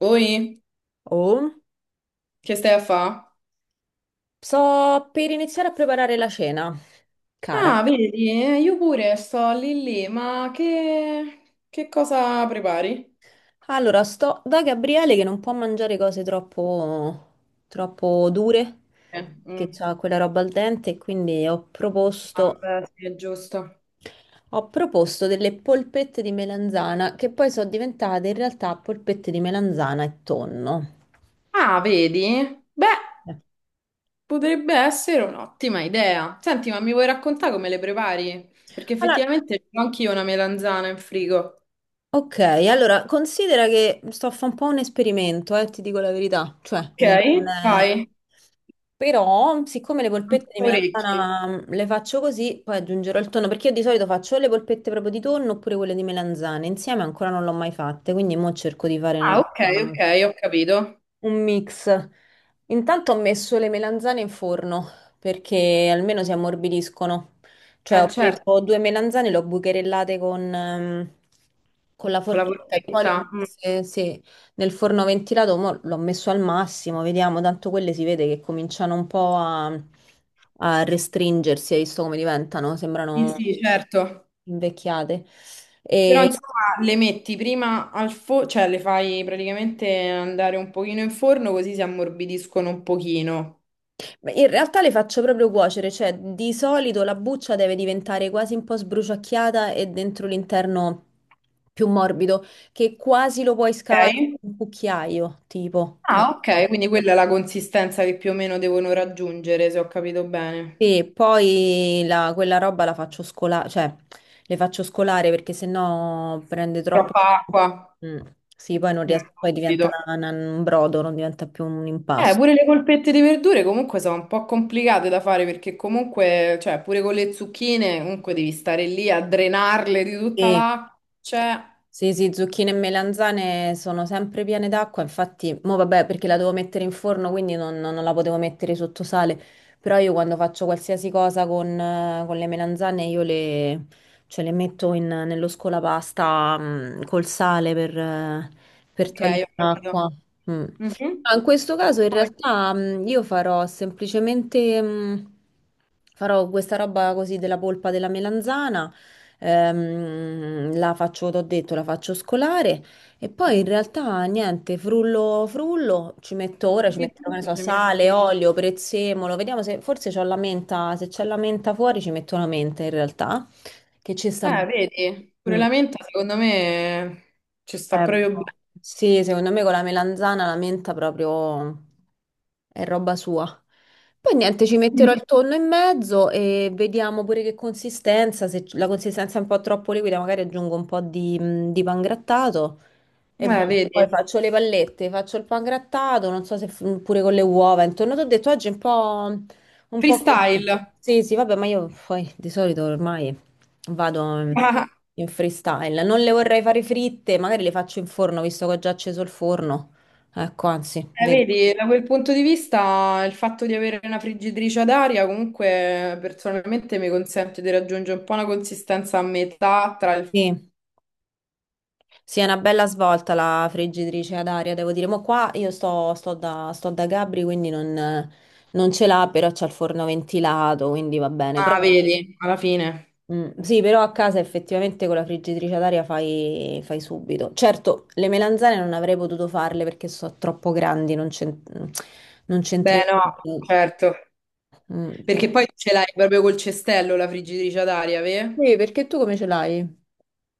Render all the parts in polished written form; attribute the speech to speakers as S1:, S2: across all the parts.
S1: Oi,
S2: Oh,
S1: che stai a fa?
S2: sto per iniziare a preparare la cena, cara.
S1: Ah, vedi, io pure sto lì lì, ma che cosa prepari?
S2: Allora, sto da Gabriele che non può mangiare cose troppo dure,
S1: Eh,
S2: perché
S1: mm,
S2: ha quella roba al dente, e quindi ho proposto,
S1: vabbè, sì, è giusto.
S2: ho proposto delle polpette di melanzana, che poi sono diventate in realtà polpette di melanzana e tonno.
S1: Ah, vedi? Beh,
S2: Eh.
S1: potrebbe essere un'ottima idea. Senti, ma mi vuoi raccontare come le prepari? Perché
S2: Allora,
S1: effettivamente ho anch'io una melanzana in frigo.
S2: ok, allora considera che sto a fare un po' un esperimento, ti dico la verità. Cioè, mm, non
S1: Ok,
S2: è-
S1: vai.
S2: però, siccome le polpette di
S1: Orecchie.
S2: melanzana le faccio così, poi aggiungerò il tonno, perché io di solito faccio o le polpette proprio di tonno oppure quelle di melanzane. Insieme ancora non l'ho mai fatte, quindi mo cerco di fare
S1: Ah,
S2: una
S1: ok,
S2: roba.
S1: ok, ho capito.
S2: Un mix. Intanto ho messo le melanzane in forno perché almeno si ammorbidiscono. Cioè, ho
S1: Certo,
S2: preso due melanzane, le ho bucherellate con la
S1: con la
S2: forchetta e poi le ho
S1: porchetta. Mm,
S2: messe, sì, nel forno ventilato. Mo l'ho messo al massimo, vediamo. Tanto quelle si vede che cominciano un po' a restringersi. Hai visto come diventano?
S1: sì,
S2: Sembrano
S1: sì, certo.
S2: invecchiate.
S1: Però
S2: E
S1: insomma le metti prima al forno, cioè le fai praticamente andare un pochino in forno così si ammorbidiscono un pochino.
S2: Beh, in realtà le faccio proprio cuocere, cioè di solito la buccia deve diventare quasi un po' sbruciacchiata e dentro l'interno più morbido, che quasi lo puoi scavare
S1: Ok?
S2: con un cucchiaio, tipo,
S1: Ah, ok,
S2: capito?
S1: quindi quella è la consistenza che più o meno devono raggiungere, se ho capito bene.
S2: E poi quella roba la faccio scolare, cioè le faccio scolare perché sennò prende troppo.
S1: Troppa acqua.
S2: Mm, sì, poi non
S1: Mm,
S2: ries- poi diventa
S1: capito.
S2: un brodo, non diventa più un impasto.
S1: Pure le polpette di verdure comunque sono un po' complicate da fare perché comunque, cioè, pure con le zucchine, comunque devi stare lì a drenarle di tutta
S2: Sì.
S1: l'acqua. Cioè,
S2: Sì, sì, zucchine e melanzane sono sempre piene d'acqua, infatti, mo vabbè, perché la devo mettere in forno, quindi non la potevo mettere sotto sale, però io quando faccio qualsiasi cosa con le melanzane, io cioè, le metto nello scolapasta, col sale per
S1: ok,
S2: togliere
S1: ho capito.
S2: l'acqua. Mm.
S1: Mhm.
S2: Ah, in questo caso in
S1: Poi-
S2: realtà io farò semplicemente, farò questa roba così della polpa della melanzana. La faccio, t'ho detto, la faccio scolare e poi in realtà niente, frullo, frullo, ci metto ora, ci
S1: Ogni
S2: metterò, che ne
S1: tanto
S2: so,
S1: ci
S2: sale,
S1: metti-
S2: olio, prezzemolo, vediamo se forse c'ho la menta, se c'è la menta fuori ci metto la menta in realtà, che ci sta bene.
S1: Vedi, pure
S2: Mm,
S1: la menta secondo me ci sta proprio bene.
S2: boh. Sì, secondo me con la melanzana la menta proprio è roba sua. Poi niente, ci metterò il tonno in mezzo e vediamo pure che consistenza, se la consistenza è un po' troppo liquida, magari aggiungo un po' di pan grattato e boh,
S1: Vedi,
S2: poi faccio le pallette, faccio il pan grattato, non so se pure con le uova, intorno ti ho detto oggi è un po' così.
S1: freestyle.
S2: Sì, sì, vabbè, ma io poi di solito ormai vado in
S1: Ah,
S2: in freestyle, non le vorrei fare fritte, magari le faccio in forno, visto che ho già acceso il forno. Ecco, anzi, vedi.
S1: vedi, da quel punto di vista il fatto di avere una friggitrice ad aria comunque personalmente mi consente di raggiungere un po' una consistenza a metà tra il...
S2: Sì. Sì, è una bella svolta la friggitrice ad aria, devo dire. Ma qua io sto da Gabri, quindi non ce l'ha, però c'ha il forno ventilato, quindi va bene. Però,
S1: Ah, vedi, alla fine.
S2: sì, però a casa effettivamente con la friggitrice ad aria fai subito. Certo, le melanzane non avrei potuto farle perché sono troppo grandi, non
S1: Beh, no,
S2: c'entrerebbe.
S1: certo.
S2: Mm,
S1: Perché
S2: però.
S1: poi ce l'hai proprio col cestello la friggitrice ad aria, vero?
S2: Sì, perché tu come ce l'hai?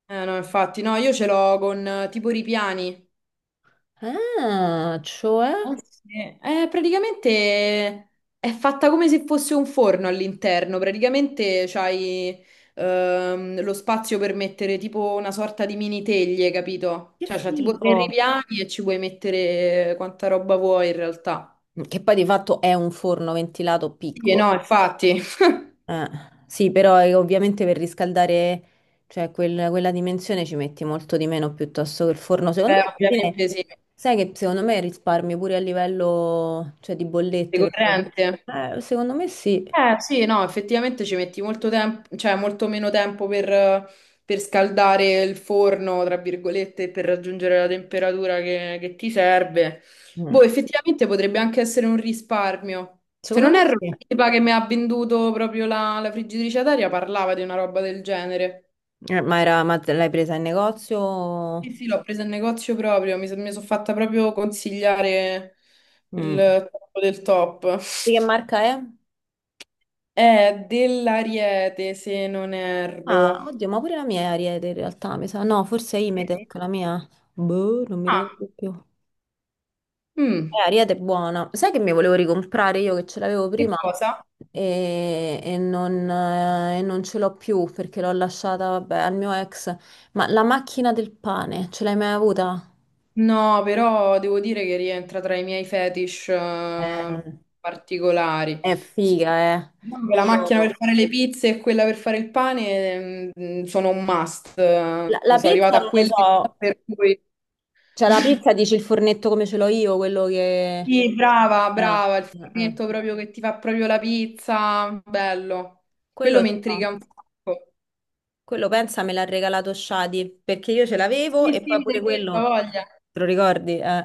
S1: Eh no, infatti, no, io ce l'ho con tipo ripiani.
S2: Ah, cioè?
S1: Eh sì. Praticamente è fatta come se fosse un forno all'interno, praticamente c'hai lo spazio per mettere tipo una sorta di mini teglie, capito?
S2: Che
S1: Cioè c'ha tipo tre
S2: figo!
S1: ripiani e ci puoi mettere quanta roba vuoi in realtà.
S2: Che poi di fatto è un forno ventilato
S1: Sì,
S2: piccolo.
S1: no, infatti.
S2: Eh, sì, però ovviamente per riscaldare, cioè quella dimensione ci metti molto di meno piuttosto che il forno. Secondo me, alla fine,
S1: Ovviamente sì,
S2: sai che secondo me risparmio pure a livello, cioè, di
S1: di
S2: bollette proprio.
S1: corrente.
S2: Secondo me sì.
S1: Eh sì, no, effettivamente ci metti molto tempo, cioè molto meno tempo per scaldare il forno, tra virgolette, per raggiungere la temperatura che ti serve. Boh,
S2: Mm.
S1: effettivamente potrebbe anche essere un risparmio. Se
S2: Secondo
S1: non
S2: me
S1: erro, la
S2: sì.
S1: tipa che mi ha venduto proprio la friggitrice ad aria parlava di una roba del genere.
S2: Ma ma te l'hai presa in negozio?
S1: Sì, sì, l'ho presa in negozio proprio, mi, sono fatta proprio consigliare
S2: Mm.
S1: il top del top.
S2: Di che marca è?
S1: È dell'Ariete, se non
S2: Ah,
S1: erro.
S2: oddio, ma pure la mia è Ariete in realtà, mi sa. No, forse è Imetec, la mia. Boh, non mi
S1: Ah,
S2: ricordo più.
S1: mm.
S2: Ariete è buona. Sai che mi volevo ricomprare io che ce l'avevo
S1: Che
S2: prima
S1: cosa?
S2: e non ce l'ho più perché l'ho lasciata, vabbè, al mio ex. Ma la macchina del pane, ce l'hai mai avuta?
S1: No, però devo dire che rientra tra i miei fetish
S2: Eh,
S1: particolari.
S2: è
S1: Sì,
S2: figa, eh.
S1: diciamo che la macchina
S2: Io...
S1: per fare le pizze e quella per fare il pane sono un must.
S2: la
S1: Sono arrivata
S2: pizza
S1: a
S2: non lo
S1: quelle
S2: so.
S1: per cui...
S2: Cioè, la pizza dici il fornetto come ce l'ho io, quello che.
S1: Sì, brava,
S2: Ah,
S1: brava, il
S2: ah, ah.
S1: fornetto proprio che ti fa proprio la pizza, bello. Quello
S2: Quello,
S1: mi
S2: so.
S1: intriga un sacco.
S2: Quello pensa me l'ha regalato Shadi perché io ce l'avevo
S1: Sì,
S2: e
S1: sì,
S2: poi
S1: mi
S2: pure
S1: hai detto, ha
S2: quello.
S1: voglia.
S2: Te lo ricordi?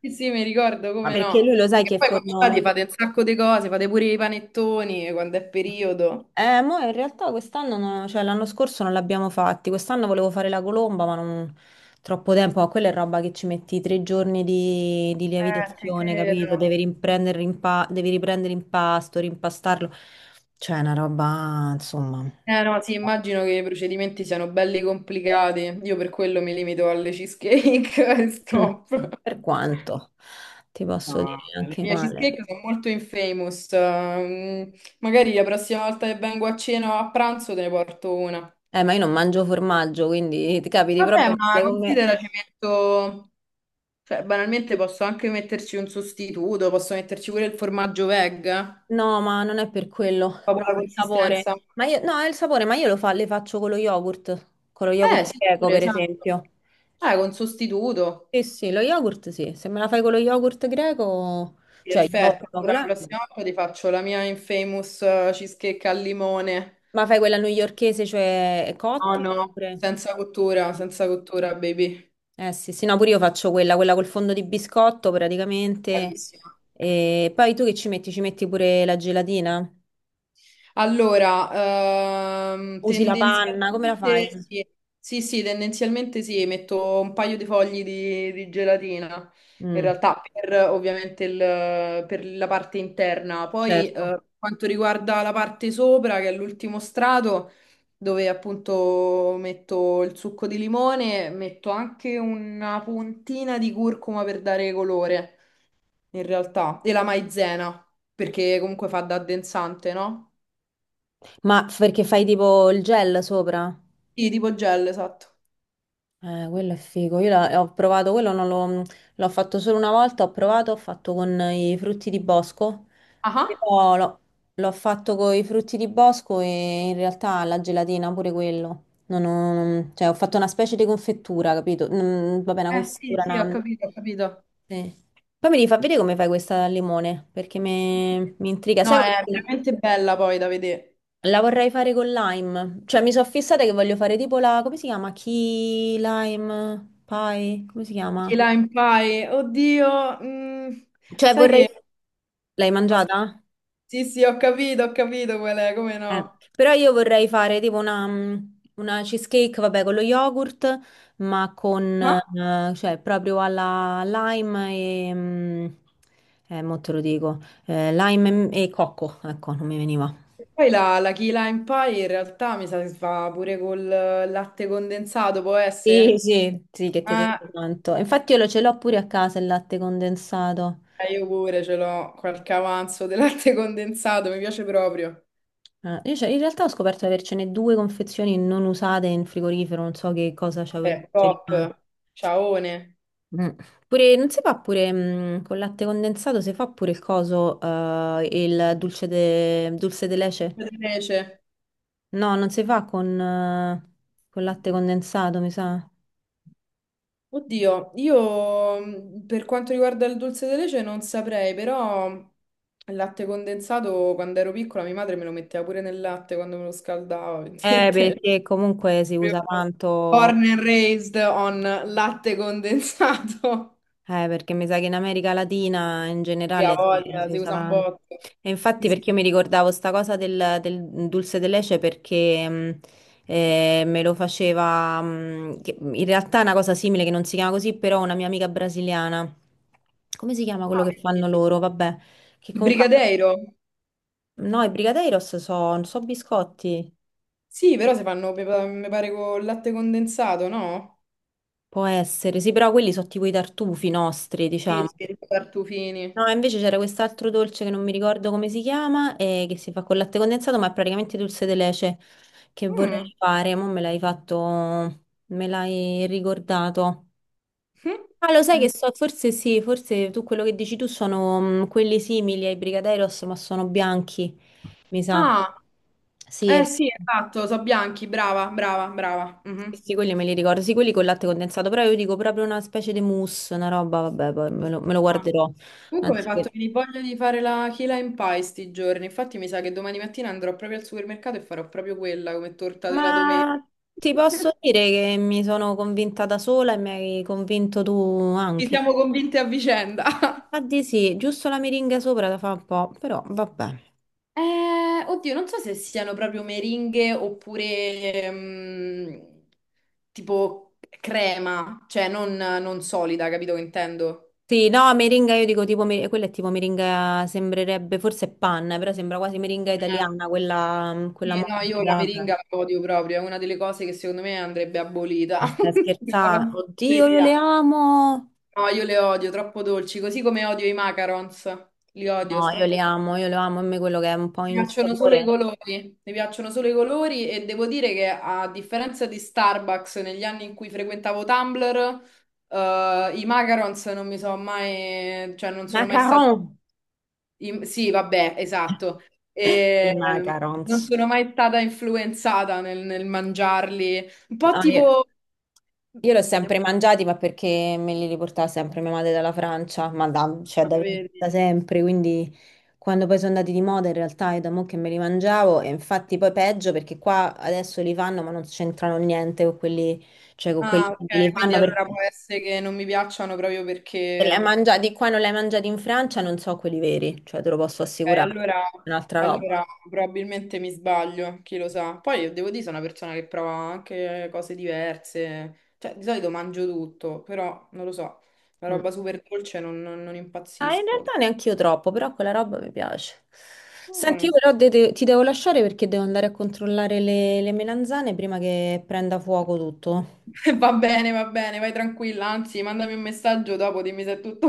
S1: Sì, sì, mi ricordo, come
S2: Perché
S1: no.
S2: lui lo sai
S1: E
S2: che
S1: poi quando state
S2: forno.
S1: fate un sacco di cose, fate pure i panettoni quando è periodo.
S2: Mo in realtà quest'anno, cioè l'anno scorso non l'abbiamo fatti, quest'anno volevo fare la colomba, ma non troppo tempo, ma quella è roba che ci metti tre giorni di
S1: Ti
S2: lievitazione, capito?
S1: credo.
S2: Devi riprendere, devi riprendere impasto, rimpastarlo, cioè è una roba, insomma.
S1: Eh no, sì, immagino che i procedimenti siano belli complicati. Io per quello mi limito alle cheesecake e
S2: Mm.
S1: stop.
S2: Per quanto ti posso
S1: No,
S2: dire
S1: le
S2: anche
S1: mie
S2: male.
S1: cheesecake sono molto infamous. Magari la prossima volta che vengo a cena o a pranzo te ne porto una.
S2: Ma io non mangio formaggio, quindi ti capiti proprio
S1: Vabbè, ma
S2: male con me.
S1: considera ci metto. Cioè, banalmente posso anche metterci un sostituto, posso metterci pure il formaggio veg,
S2: No, ma non è per quello,
S1: proprio la
S2: proprio il sapore.
S1: consistenza.
S2: Ma io, no, è il sapore, ma io le faccio con lo yogurt
S1: Sì,
S2: greco,
S1: pure,
S2: per
S1: esatto.
S2: esempio.
S1: Con sostituto.
S2: Sì, sì, lo yogurt sì, se me la fai con lo yogurt greco, cioè
S1: Perfetto.
S2: yogurt,
S1: Allora, la prossima volta ti faccio la mia infamous cheesecake al limone.
S2: ma fai quella newyorchese, cioè
S1: No,
S2: cotta,
S1: no,
S2: oppure.
S1: senza cottura, senza cottura, baby.
S2: Eh sì, sì, no, pure io faccio quella col fondo di biscotto praticamente.
S1: Bravissima.
S2: E poi tu che ci metti? Ci metti pure la gelatina?
S1: Allora,
S2: Usi la panna, come la fai?
S1: tendenzialmente sì, sì, sì, tendenzialmente sì, metto un paio di fogli di gelatina, in
S2: Mm,
S1: realtà per ovviamente per la parte interna. Poi,
S2: certo.
S1: per quanto riguarda la parte sopra, che è l'ultimo strato, dove appunto metto il succo di limone, metto anche una puntina di curcuma per dare colore, in realtà, e la maizena, perché comunque fa da addensante, no?
S2: Ma perché fai tipo il gel sopra?
S1: Sì, tipo gel, esatto.
S2: Quello è figo. Io ho provato, quello non l'ho, l'ho fatto solo una volta, ho provato, ho fatto con i frutti di bosco.
S1: Ah,
S2: Però l'ho fatto con i frutti di bosco e in realtà la gelatina pure quello. Non ho- non- cioè, ho fatto una specie di confettura, capito? Mm, vabbè, una
S1: ah. Eh sì,
S2: confettura,
S1: sì, ho
S2: una.
S1: capito, ho capito.
S2: Sì. Poi mi devi far vedere come fai questa al limone, perché mi intriga.
S1: No,
S2: Sai cosa?
S1: è veramente bella poi da vedere.
S2: La vorrei fare con lime, cioè mi sono fissata che voglio fare tipo la, come si chiama? Key lime pie, come si chiama?
S1: Key Lime Pie, oddio,
S2: Cioè
S1: sai
S2: vorrei.
S1: che...
S2: L'hai mangiata?
S1: Sì, sì, ho capito qual è, come no.
S2: Però io vorrei fare tipo una cheesecake, vabbè, con lo yogurt, ma con,
S1: Ah,
S2: cioè proprio alla lime. e... mm, Mo te lo dico, lime e cocco, ecco, non mi veniva.
S1: e poi la Key Lime Pie in realtà mi sa che si fa pure col latte condensato, può
S2: Sì,
S1: essere?
S2: sì, sì, che ti
S1: Ah.
S2: piace tanto. Infatti io lo ce l'ho pure a casa il latte condensato.
S1: Io pure ce l'ho, qualche avanzo di latte condensato, mi piace proprio.
S2: Ah, io in realtà ho scoperto di avercene due confezioni non usate in frigorifero, non so che cosa c'avevo in
S1: Vabbè, top,
S2: rimane.
S1: ciaone.
S2: Mm. Pure, non si fa pure con latte condensato, si fa pure il coso, il dulce de leche?
S1: Invece.
S2: No, non si fa con latte condensato, mi sa.
S1: Oddio, io per quanto riguarda il dolce di leche non saprei, però il latte condensato quando ero piccola mia madre me lo metteva pure nel latte quando me lo scaldava, vedete?
S2: Perché comunque si usa
S1: Proprio
S2: tanto.
S1: born and raised on latte condensato.
S2: Perché mi sa che in America Latina in
S1: Mia
S2: generale si,
S1: voglia,
S2: si
S1: si
S2: usa
S1: usa un
S2: tanto.
S1: botto.
S2: E infatti
S1: Sì,
S2: perché io
S1: sì.
S2: mi ricordavo sta cosa del dulce de leche perché me lo faceva, in realtà è una cosa simile che non si chiama così, però una mia amica brasiliana. Come si chiama quello
S1: Ah,
S2: che
S1: perché?
S2: fanno loro? Vabbè, che
S1: Il
S2: comunque.
S1: brigadeiro?
S2: No, i brigadeiros sono so biscotti,
S1: Sì, però si fanno, mi pare, con il latte condensato, no?
S2: può essere, sì, però quelli sono tipo i tartufi nostri,
S1: Sì,
S2: diciamo.
S1: sì, i tartufini.
S2: No, invece c'era quest'altro dolce che non mi ricordo come si chiama, e che si fa con latte condensato, ma è praticamente dulce de leche che vorrei
S1: Mm.
S2: fare. Mo' me l'hai fatto, me l'hai ricordato. Ah, lo sai che
S1: Mm.
S2: so, forse sì, forse tu quello che dici tu sono quelli simili ai brigadeiros, ma sono bianchi, mi sa.
S1: Ah.
S2: Sì,
S1: Eh sì, esatto, so bianchi, brava, brava, brava.
S2: sì,
S1: Mhm.
S2: sì, quelli me li ricordo, sì, quelli con latte condensato, però io dico proprio una specie di mousse, una roba, vabbè, poi me lo
S1: Ah,
S2: guarderò.
S1: comunque mi hai
S2: Anzi,
S1: fatto venire voglia di fare la key lime pie sti giorni, infatti mi sa che domani mattina andrò proprio al supermercato e farò proprio quella come torta della domenica.
S2: ma ti posso dire che mi sono convinta da sola e mi hai convinto tu
S1: Ci
S2: anche.
S1: siamo convinte a vicenda.
S2: Infatti sì, giusto la meringa sopra la fa un po', però vabbè.
S1: Oddio, non so se siano proprio meringhe oppure tipo crema, cioè non solida, capito che intendo?
S2: Sì, no, meringa io dico tipo, quella è tipo meringa, sembrerebbe, forse è panna, però sembra quasi meringa italiana, quella
S1: Sì, no, io la
S2: morbida, vabbè.
S1: meringa la odio proprio, è una delle cose che secondo me andrebbe abolita.
S2: Ma stai
S1: La
S2: scherzando? Oddio, io
S1: pasticceria.
S2: le amo!
S1: No, io le odio, troppo dolci, così come odio i macarons. Li odio,
S2: No,
S1: sono troppo dolci.
S2: io le amo, a me quello che è un po'
S1: Mi
S2: in
S1: piacciono solo i
S2: sapore.
S1: colori, mi piacciono solo i colori e devo dire che a differenza di Starbucks negli anni in cui frequentavo Tumblr, i macarons non mi sono mai, cioè non sono mai stati.
S2: Macaron!
S1: Sì, vabbè, esatto.
S2: I
S1: E, non
S2: macarons.
S1: sono mai stata influenzata nel mangiarli. Un po' tipo...
S2: Io li ho sempre mangiati, ma perché me li riportava sempre mia madre dalla Francia, ma da, cioè
S1: Ah,
S2: da, da
S1: vedi.
S2: sempre, quindi quando poi sono andati di moda in realtà è da mo' che me li mangiavo e infatti poi peggio perché qua adesso li fanno ma non c'entrano niente con quelli, cioè con
S1: Ah,
S2: quelli che
S1: ok,
S2: li
S1: quindi
S2: fanno perché
S1: allora può essere che non mi piacciono proprio
S2: se li hai
S1: perché...
S2: mangiati qua non li hai mangiati in Francia, non so quelli veri, cioè te lo posso
S1: Ok,
S2: assicurare,
S1: allora,
S2: è un'altra roba.
S1: allora probabilmente mi sbaglio, chi lo sa. Poi io devo dire, sono una persona che prova anche cose diverse. Cioè, di solito mangio tutto, però non lo so. La
S2: Mm.
S1: roba super dolce non
S2: Ah, in realtà
S1: impazzisco.
S2: neanche io troppo, però quella roba mi piace. Senti, io
S1: Mm.
S2: però ti devo lasciare perché devo andare a controllare le melanzane prima che prenda fuoco tutto.
S1: Va bene, vai tranquilla, anzi, mandami un messaggio dopo, dimmi se è tutto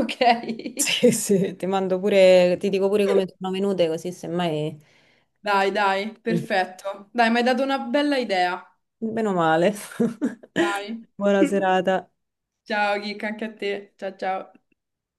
S1: ok.
S2: Sì, sì, ti mando pure, ti dico pure come sono venute, così semmai.
S1: Dai, dai,
S2: Sì.
S1: perfetto. Dai, mi hai dato una bella idea.
S2: Meno male.
S1: Dai.
S2: Buona serata.
S1: Ciao, Kika, anche a te. Ciao, ciao.